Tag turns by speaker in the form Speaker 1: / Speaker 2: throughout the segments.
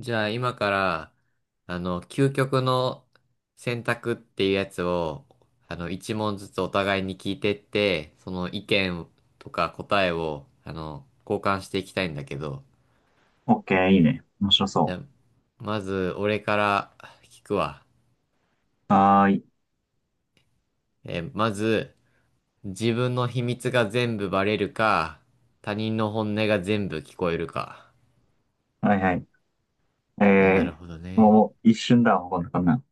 Speaker 1: じゃあ今から、究極の選択っていうやつを、一問ずつお互いに聞いてって、その意見とか答えを、交換していきたいんだけど、
Speaker 2: オッケー、いいね。面白
Speaker 1: じゃ
Speaker 2: そ
Speaker 1: あ、まず俺から聞くわ。
Speaker 2: う。はーい。
Speaker 1: まず、自分の秘密が全部バレるか、他人の本音が全部聞こえるか。
Speaker 2: はいはい。
Speaker 1: な
Speaker 2: え
Speaker 1: るほど
Speaker 2: もう、
Speaker 1: ね。
Speaker 2: もう一瞬だわ、こんなん。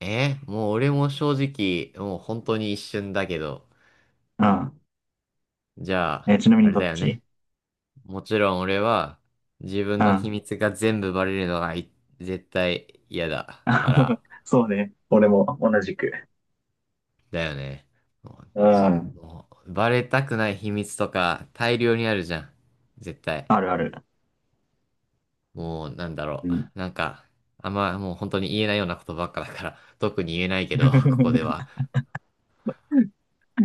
Speaker 1: もう俺も正直、もう本当に一瞬だけど、
Speaker 2: うん。
Speaker 1: じゃあ、
Speaker 2: ちなみ
Speaker 1: あ
Speaker 2: に
Speaker 1: れ
Speaker 2: ど
Speaker 1: だ
Speaker 2: っ
Speaker 1: よね。
Speaker 2: ち？
Speaker 1: もちろん俺は自分
Speaker 2: う
Speaker 1: の秘
Speaker 2: ん。
Speaker 1: 密が全部バレるのがい絶対嫌だか ら、
Speaker 2: そうね。俺も同じく。
Speaker 1: だよね。も
Speaker 2: うん。
Speaker 1: もうバレたくない秘密とか大量にあるじゃん。絶対。
Speaker 2: あるある。
Speaker 1: もうなんだ
Speaker 2: う
Speaker 1: ろ
Speaker 2: ん。
Speaker 1: う。なんか、あんまもう本当に言えないようなことばっかだから、特に言えないけど、ここでは。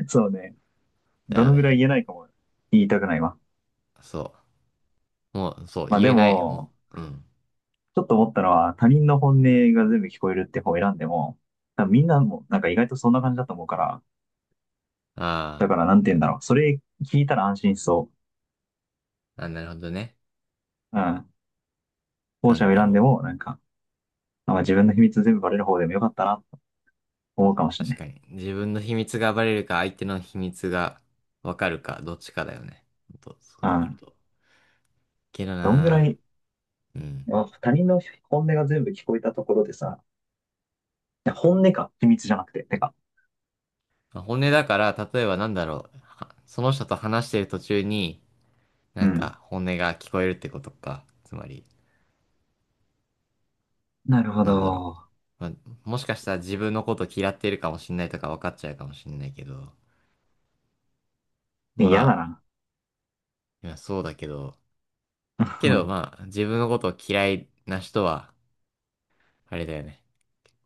Speaker 2: そうね。
Speaker 1: だ
Speaker 2: ど
Speaker 1: よ
Speaker 2: のぐらい
Speaker 1: ね。
Speaker 2: 言えないかも言いたくないわ。
Speaker 1: そう。もう、そう、
Speaker 2: まあ
Speaker 1: 言
Speaker 2: で
Speaker 1: えない。も
Speaker 2: も、
Speaker 1: う、うん。
Speaker 2: ちょっと思ったのは、他人の本音が全部聞こえるって方を選んでも、多分みんなもなんか意外とそんな感じだと思うから、だ
Speaker 1: あ
Speaker 2: からなん
Speaker 1: あ、
Speaker 2: て言うん
Speaker 1: な、
Speaker 2: だろう。それ聞いたら安心しそ
Speaker 1: あ、なるほどね。
Speaker 2: う。うん。後
Speaker 1: な
Speaker 2: 者
Speaker 1: ん
Speaker 2: を
Speaker 1: だ
Speaker 2: 選
Speaker 1: ろ
Speaker 2: んで
Speaker 1: う。
Speaker 2: も、なんか、まあ、自分の秘密全部バレる方でもよかったなと思うかもしれ
Speaker 1: 確
Speaker 2: ない。
Speaker 1: かに。自分の秘密が暴れるか、相手の秘密がわかるか、どっちかだよね。ほんとそ
Speaker 2: う
Speaker 1: うなる
Speaker 2: ん。
Speaker 1: と。けど
Speaker 2: どんぐら
Speaker 1: な
Speaker 2: い、
Speaker 1: ぁ。うん。
Speaker 2: まあ他人の本音が全部聞こえたところでさ、いや本音か、秘密じゃなくて、てか。
Speaker 1: まあ本音だから、例えばなんだろう。はその人と話してる途中に、
Speaker 2: う
Speaker 1: なん
Speaker 2: ん。
Speaker 1: か本音が聞こえるってことか。つまり、
Speaker 2: なるほ
Speaker 1: なんだろう。
Speaker 2: ど。
Speaker 1: まあ、もしかしたら自分のこと嫌ってるかもしんないとか分かっちゃうかもしんないけど。ま
Speaker 2: 嫌だな。
Speaker 1: あ、いやそうだけど。けど まあ、自分のことを嫌いな人は、あれだよね。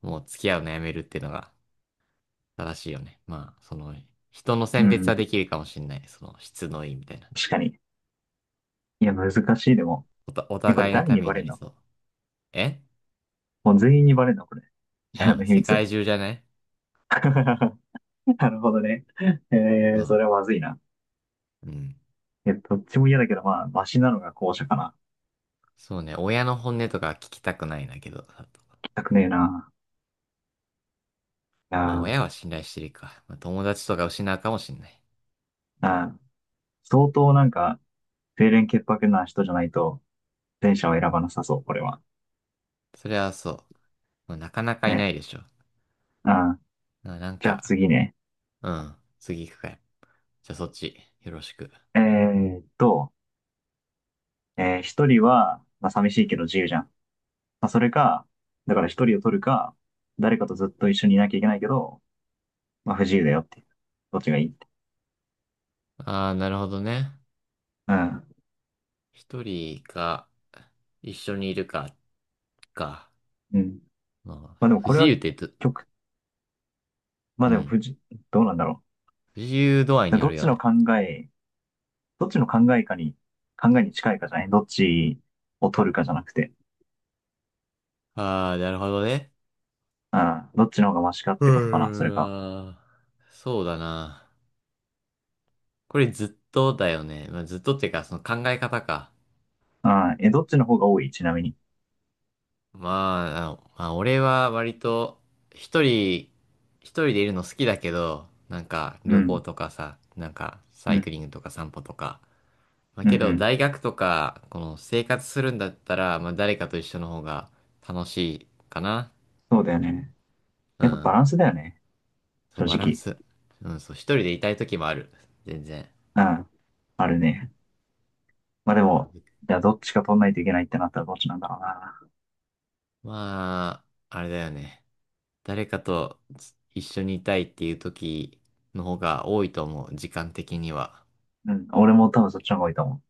Speaker 1: もう付き合うのやめるっていうのが。正しいよね。まあ、その、人の
Speaker 2: う
Speaker 1: 選別
Speaker 2: ん。
Speaker 1: はできるかもしれない。その、質のいいみたいな。
Speaker 2: 確かに。いや、難しいでも。
Speaker 1: おた、お
Speaker 2: え、これ
Speaker 1: 互いの
Speaker 2: 誰
Speaker 1: た
Speaker 2: に
Speaker 1: めに
Speaker 2: バ
Speaker 1: な
Speaker 2: レん
Speaker 1: り
Speaker 2: の？
Speaker 1: そう。え
Speaker 2: もう全員にバレんのこれ？
Speaker 1: う
Speaker 2: 自分
Speaker 1: ん、
Speaker 2: の秘
Speaker 1: 世
Speaker 2: 密。
Speaker 1: 界中じゃない
Speaker 2: なるほどね。
Speaker 1: そ
Speaker 2: そ
Speaker 1: う。
Speaker 2: れはまずいな。
Speaker 1: うん。
Speaker 2: え、どっちも嫌だけど、まあ、マシなのが後者かな。
Speaker 1: そうね、親の本音とか聞きたくないんだけど。
Speaker 2: 聞きたくねえな。
Speaker 1: まあ、
Speaker 2: あ
Speaker 1: 親は信頼してるか。まあ、友達とか失うかもしれない。
Speaker 2: ーあー、相当なんか、清廉潔白な人じゃないと、電車を選ばなさそう、これは。
Speaker 1: それはそう。まあ、なかなかいな
Speaker 2: ね。
Speaker 1: いでしょ。
Speaker 2: うん。
Speaker 1: まあ、なん
Speaker 2: じゃあ
Speaker 1: か、
Speaker 2: 次ね。
Speaker 1: うん、次行くかい。じゃあそっち、よろしく。
Speaker 2: えーっと、一人は、まあ、寂しいけど自由じゃん。まあ、それか、だから一人を取るか、誰かとずっと一緒にいなきゃいけないけど、まあ、不自由だよっていう。どっちがいいって。
Speaker 1: ああ、なるほどね。
Speaker 2: うん。
Speaker 1: 一人か、一緒にいるか、か。
Speaker 2: うん。
Speaker 1: まあ、
Speaker 2: まあ、でも
Speaker 1: 不
Speaker 2: これ
Speaker 1: 自由
Speaker 2: は、
Speaker 1: ってど
Speaker 2: 極、まあ、
Speaker 1: う
Speaker 2: でも
Speaker 1: ん。
Speaker 2: 不自、どうなんだろ
Speaker 1: 自由度合いに
Speaker 2: う。
Speaker 1: よるよね。
Speaker 2: え、どっちの考えかに、考えに近いかじゃない？どっちを取るかじゃなくて。
Speaker 1: ああ、なるほどね。
Speaker 2: うん。どっちの方がマシかっ
Speaker 1: う
Speaker 2: てことかな、それか。
Speaker 1: ーん。そうだな。これずっとだよね。まあ、ずっとっていうか、その考え方か。
Speaker 2: ああ、え、どっちの方が多い？ちなみに。
Speaker 1: まあ、まあ、俺は割と一人、一人でいるの好きだけど、なんか
Speaker 2: う
Speaker 1: 旅行
Speaker 2: ん。
Speaker 1: とかさ、なんかサ
Speaker 2: う
Speaker 1: イク
Speaker 2: ん。
Speaker 1: リングとか散歩とか。まあ、
Speaker 2: う
Speaker 1: け
Speaker 2: ん。う
Speaker 1: ど
Speaker 2: ん。
Speaker 1: 大学とか、この生活するんだったら、まあ、誰かと一緒の方が楽しいかな。
Speaker 2: そうだよね。
Speaker 1: う
Speaker 2: やっぱバ
Speaker 1: ん。
Speaker 2: ランスだよね。
Speaker 1: そう、
Speaker 2: 正
Speaker 1: バラン
Speaker 2: 直。
Speaker 1: ス。うん、そう、一人でいたい時もある。全然。
Speaker 2: うん。あるね。まあでも、じゃあどっちか取んないといけないってなったらどっちなんだろうな。
Speaker 1: まあ、あれだよね。誰かとつ一緒にいたいっていう時の方が多いと思う。時間的には。
Speaker 2: うん。俺も多分そっちの方がいいと思う。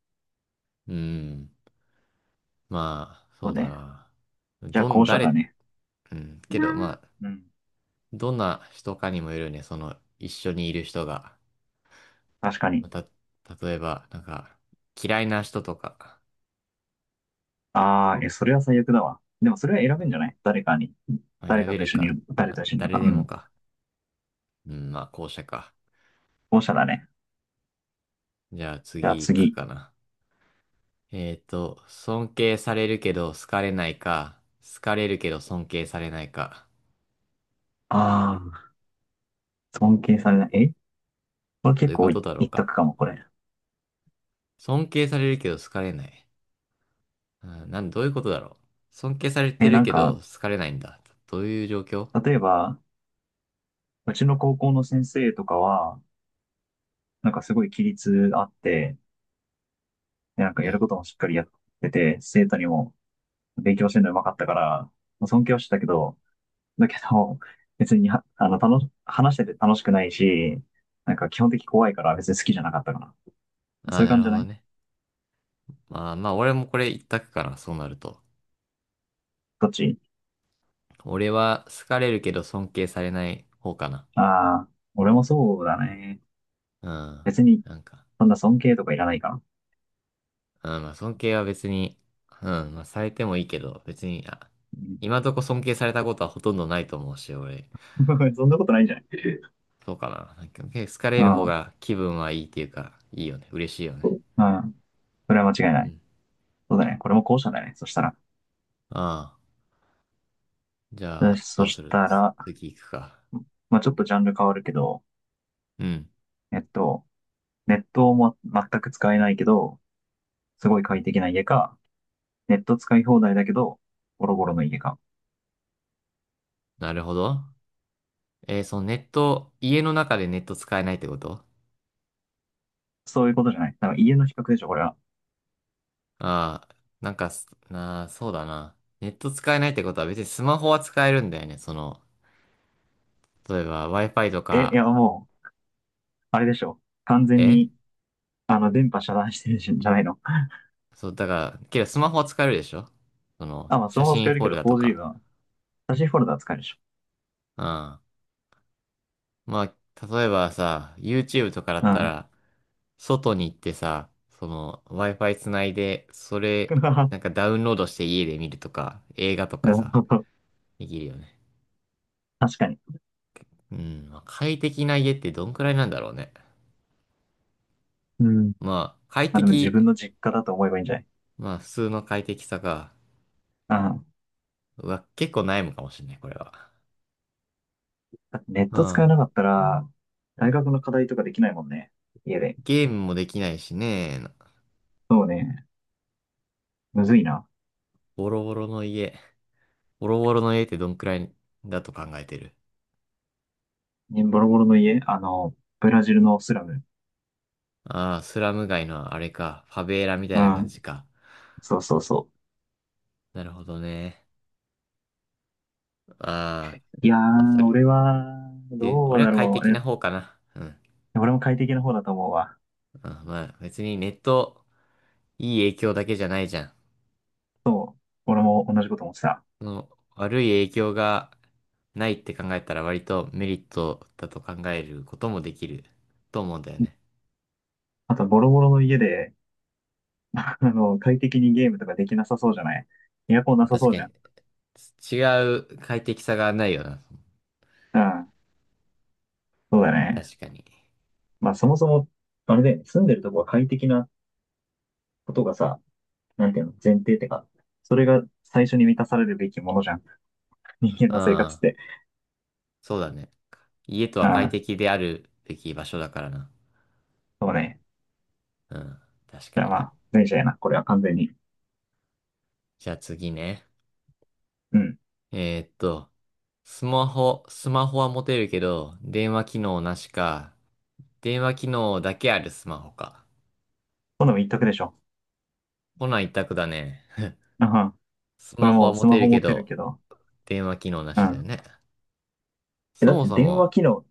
Speaker 1: うん。まあ、
Speaker 2: そ
Speaker 1: そ
Speaker 2: う
Speaker 1: うだ
Speaker 2: ね。
Speaker 1: な。
Speaker 2: じゃあ
Speaker 1: どん、
Speaker 2: 後者だ
Speaker 1: 誰、
Speaker 2: ね。
Speaker 1: うん。けど、まあ、
Speaker 2: うん。
Speaker 1: どんな人かにもよるよね。その、一緒にいる人が。
Speaker 2: 確か
Speaker 1: ま
Speaker 2: に。
Speaker 1: た、例えば、なんか、嫌いな人とか、
Speaker 2: ああ、え、それは最悪だわ。でもそれは選べんじゃない？誰かに。
Speaker 1: まあ、
Speaker 2: 誰
Speaker 1: 選
Speaker 2: か
Speaker 1: べ
Speaker 2: と一
Speaker 1: る
Speaker 2: 緒にい
Speaker 1: か。
Speaker 2: る、
Speaker 1: ま
Speaker 2: 誰
Speaker 1: あ、
Speaker 2: と一緒にいる
Speaker 1: 誰
Speaker 2: か。う
Speaker 1: でも
Speaker 2: ん。
Speaker 1: か。うん、まあ、後者か。
Speaker 2: 後者だね。
Speaker 1: じゃあ
Speaker 2: じゃあ
Speaker 1: 次行く
Speaker 2: 次。
Speaker 1: かな。尊敬されるけど好かれないか、好かれるけど尊敬されないか。
Speaker 2: ああ、尊敬されない。これ
Speaker 1: どう
Speaker 2: 結
Speaker 1: いうこ
Speaker 2: 構
Speaker 1: と
Speaker 2: い
Speaker 1: だろう
Speaker 2: 一
Speaker 1: か。
Speaker 2: 択かも、これ。
Speaker 1: 尊敬されるけど好かれない。うん、なん、どういうことだろう。尊敬されて
Speaker 2: え、
Speaker 1: る
Speaker 2: なん
Speaker 1: けど
Speaker 2: か、
Speaker 1: 好かれないんだ。どういう状況
Speaker 2: 例えば、うちの高校の先生とかは、なんかすごい規律あって、でなんか
Speaker 1: う
Speaker 2: やる
Speaker 1: ん。
Speaker 2: こともしっかりやってて、生徒にも勉強してるのうまかったから、まあ尊敬はしてたけど、だけど、別には、話してて楽しくないし、なんか基本的に怖いから別に好きじゃなかったかな。
Speaker 1: あ
Speaker 2: そ
Speaker 1: あ、
Speaker 2: ういう
Speaker 1: な
Speaker 2: 感
Speaker 1: る
Speaker 2: じじ
Speaker 1: ほ
Speaker 2: ゃな
Speaker 1: ど
Speaker 2: い？
Speaker 1: ね。まあまあ、俺もこれ一択かな、そうなると。
Speaker 2: どっち？
Speaker 1: 俺は好かれるけど尊敬されない方かな。
Speaker 2: ああー、俺もそうだね。
Speaker 1: うん。
Speaker 2: 別に、
Speaker 1: なんか。
Speaker 2: そんな尊敬とかいらないかな。
Speaker 1: うん、まあ尊敬は別に、うん、まあされてもいいけど、別に、あ、
Speaker 2: うん。
Speaker 1: 今んとこ尊敬されたことはほとんどないと思うし、俺、
Speaker 2: そんなことないんじゃない？
Speaker 1: そうかな。なんか好かれ
Speaker 2: う
Speaker 1: る方
Speaker 2: ん。
Speaker 1: が気分はいいっていうか、いいよね。嬉しいよね。
Speaker 2: うん。それは間違い
Speaker 1: う
Speaker 2: ない。
Speaker 1: ん。
Speaker 2: そうだね。これも後者だね。そしたら。
Speaker 1: ああ、じゃ
Speaker 2: そ
Speaker 1: あ、
Speaker 2: そ
Speaker 1: どうす
Speaker 2: し
Speaker 1: る
Speaker 2: たら、
Speaker 1: 次行くか。
Speaker 2: まあちょっとジャンル変わるけど、
Speaker 1: うん、
Speaker 2: えっと、ネットも全く使えないけど、すごい快適な家か、ネット使い放題だけど、ボロボロの家か。
Speaker 1: なるほど。そのネット、家の中でネット使えないってこと
Speaker 2: そういうことじゃない。なんか家の比較でしょ、これは。
Speaker 1: ああ、なんかす、なあ、そうだな。ネット使えないってことは別にスマホは使えるんだよね。その、例えば Wi-Fi と
Speaker 2: え、い
Speaker 1: か、
Speaker 2: や、もう、あれでしょ。完全に、
Speaker 1: え
Speaker 2: 電波遮断してるんじゃないの？
Speaker 1: そう、だから、けどスマホは使えるでしょその、
Speaker 2: あ、まあ、ス
Speaker 1: 写
Speaker 2: マホ使
Speaker 1: 真
Speaker 2: える
Speaker 1: フォ
Speaker 2: け
Speaker 1: ル
Speaker 2: ど
Speaker 1: ダと
Speaker 2: 4G
Speaker 1: か。
Speaker 2: は、写真フォルダー使えるでしょ。
Speaker 1: うん。まあ、例えばさ、YouTube とかだ
Speaker 2: う
Speaker 1: った
Speaker 2: ん。
Speaker 1: ら、外に行ってさ、その、Wi-Fi つないで、それ、なんか ダウンロードして家で見るとか、映画とか
Speaker 2: なる
Speaker 1: さ、
Speaker 2: ほど。
Speaker 1: できるよね。
Speaker 2: 確かに。
Speaker 1: うん。まあ、快適な家ってどんくらいなんだろうね。
Speaker 2: うん。
Speaker 1: まあ、快
Speaker 2: まあ、でも自
Speaker 1: 適、
Speaker 2: 分の実家だと思えばいいんじゃない？
Speaker 1: まあ、普通の快適さが、
Speaker 2: うん。
Speaker 1: うわ、結構悩むかもしれない、これは。
Speaker 2: だってネッ
Speaker 1: う
Speaker 2: ト使え
Speaker 1: ん。
Speaker 2: なかったら、大学の課題とかできないもんね。家で。
Speaker 1: ゲームもできないしね、
Speaker 2: そうね。むずいな。
Speaker 1: ボロボロの家。ボロボロの家ってどんくらいだと考えてる
Speaker 2: ね、ボロボロの家、あの、ブラジルのスラム。
Speaker 1: ああー、スラム街のあれか。ファベーラみた
Speaker 2: う
Speaker 1: いな感
Speaker 2: ん。
Speaker 1: じか。
Speaker 2: そうそうそ
Speaker 1: なるほどね。あ
Speaker 2: う。いや
Speaker 1: あ、まあ、そ
Speaker 2: ー、
Speaker 1: れ、
Speaker 2: 俺は、
Speaker 1: で、
Speaker 2: どう
Speaker 1: 俺は
Speaker 2: だ
Speaker 1: 快
Speaker 2: ろう。
Speaker 1: 適
Speaker 2: え、
Speaker 1: な方かな。うん。
Speaker 2: 俺も快適な方だと思うわ。
Speaker 1: あ、まあ、別にネット、いい影響だけじゃないじゃん。
Speaker 2: 俺も同じこと思ってた。
Speaker 1: その、悪い影響がないって考えたら割とメリットだと考えることもできると思うんだよね。
Speaker 2: あと、ボロボロの家で、快適にゲームとかできなさそうじゃない？エアコンなさ
Speaker 1: 確
Speaker 2: そう
Speaker 1: か
Speaker 2: じゃ
Speaker 1: に、
Speaker 2: ん。
Speaker 1: 違う快適さがないよな。
Speaker 2: うん。そうだね。
Speaker 1: 確かに。
Speaker 2: まあ、そもそも、あれだよね。住んでるとこは快適なことがさ、なんていうの、前提ってか、それが最初に満たされるべきものじゃん。人間
Speaker 1: う
Speaker 2: の生活っ
Speaker 1: ん。
Speaker 2: て。
Speaker 1: そうだね。家と
Speaker 2: う
Speaker 1: は快
Speaker 2: ん。
Speaker 1: 適であるべき場所だからな。
Speaker 2: そうね。
Speaker 1: うん。確か
Speaker 2: じゃあま
Speaker 1: に。
Speaker 2: あ、脱いじゃえな。これは完全に。
Speaker 1: じゃあ次ね。
Speaker 2: うん。
Speaker 1: えーっと、スマホ、スマホは持てるけど、電話機能なしか、電話機能だけあるスマホか。
Speaker 2: 今度も言っとくでしょ。
Speaker 1: こない一択だね。
Speaker 2: うん。
Speaker 1: ス
Speaker 2: こ
Speaker 1: マ
Speaker 2: れ
Speaker 1: ホ
Speaker 2: も
Speaker 1: は
Speaker 2: うス
Speaker 1: 持
Speaker 2: マ
Speaker 1: てる
Speaker 2: ホ持
Speaker 1: け
Speaker 2: ってる
Speaker 1: ど、
Speaker 2: けど。
Speaker 1: 電話機能な
Speaker 2: う
Speaker 1: しだよ
Speaker 2: ん。
Speaker 1: ね。
Speaker 2: え、
Speaker 1: そ
Speaker 2: だっ
Speaker 1: も
Speaker 2: て
Speaker 1: そ
Speaker 2: 電話
Speaker 1: も、
Speaker 2: 機能、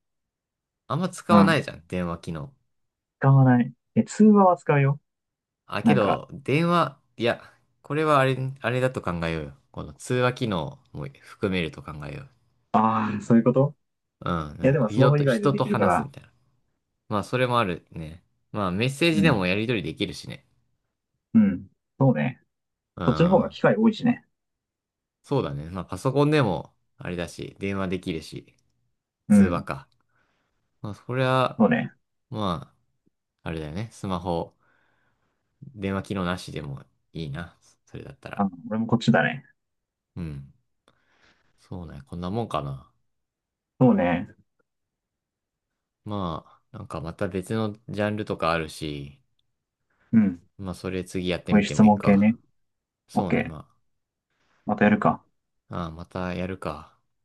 Speaker 1: あんま使
Speaker 2: う
Speaker 1: わな
Speaker 2: ん。
Speaker 1: いじゃん、電話機能。
Speaker 2: 使わない。え、通話は使うよ。
Speaker 1: あ、け
Speaker 2: なんか、
Speaker 1: ど、電話、いや、これはあれ、あれだと考えようよ。この通話機能も含めると考えよう。
Speaker 2: ああ、そういうこと？
Speaker 1: う
Speaker 2: いや、
Speaker 1: ん。
Speaker 2: でもスマ
Speaker 1: 人
Speaker 2: ホ以
Speaker 1: と、
Speaker 2: 外で
Speaker 1: 人
Speaker 2: で
Speaker 1: と
Speaker 2: きるか
Speaker 1: 話すみ
Speaker 2: ら。
Speaker 1: たいな。まあ、それもあるね。まあ、メッセー
Speaker 2: う
Speaker 1: ジで
Speaker 2: ん。
Speaker 1: もやり取りできるしね。
Speaker 2: うん。そうね。
Speaker 1: う
Speaker 2: そっちの方が
Speaker 1: ん。
Speaker 2: 機会多いしね。
Speaker 1: そうだね。まあ、パソコンでも、あれだし、電話できるし、
Speaker 2: う
Speaker 1: 通話
Speaker 2: ん。
Speaker 1: か。まあ、そりゃ、
Speaker 2: そうね。
Speaker 1: まあ、あれだよね。スマホ、電話機能なしでもいいな。それだったら。
Speaker 2: あ、俺もこっちだね。
Speaker 1: うん。そうね。こんなもんかな。
Speaker 2: そうね。
Speaker 1: まあ、なんかまた別のジャンルとかあるし、
Speaker 2: うん。
Speaker 1: まあ、それ次やって
Speaker 2: こうい
Speaker 1: み
Speaker 2: う
Speaker 1: て
Speaker 2: 質
Speaker 1: もいい
Speaker 2: 問系
Speaker 1: か。
Speaker 2: ね。オッ
Speaker 1: そう
Speaker 2: ケ
Speaker 1: ね。
Speaker 2: ー。
Speaker 1: ま
Speaker 2: またやるか。
Speaker 1: あ、ああ、またやるか。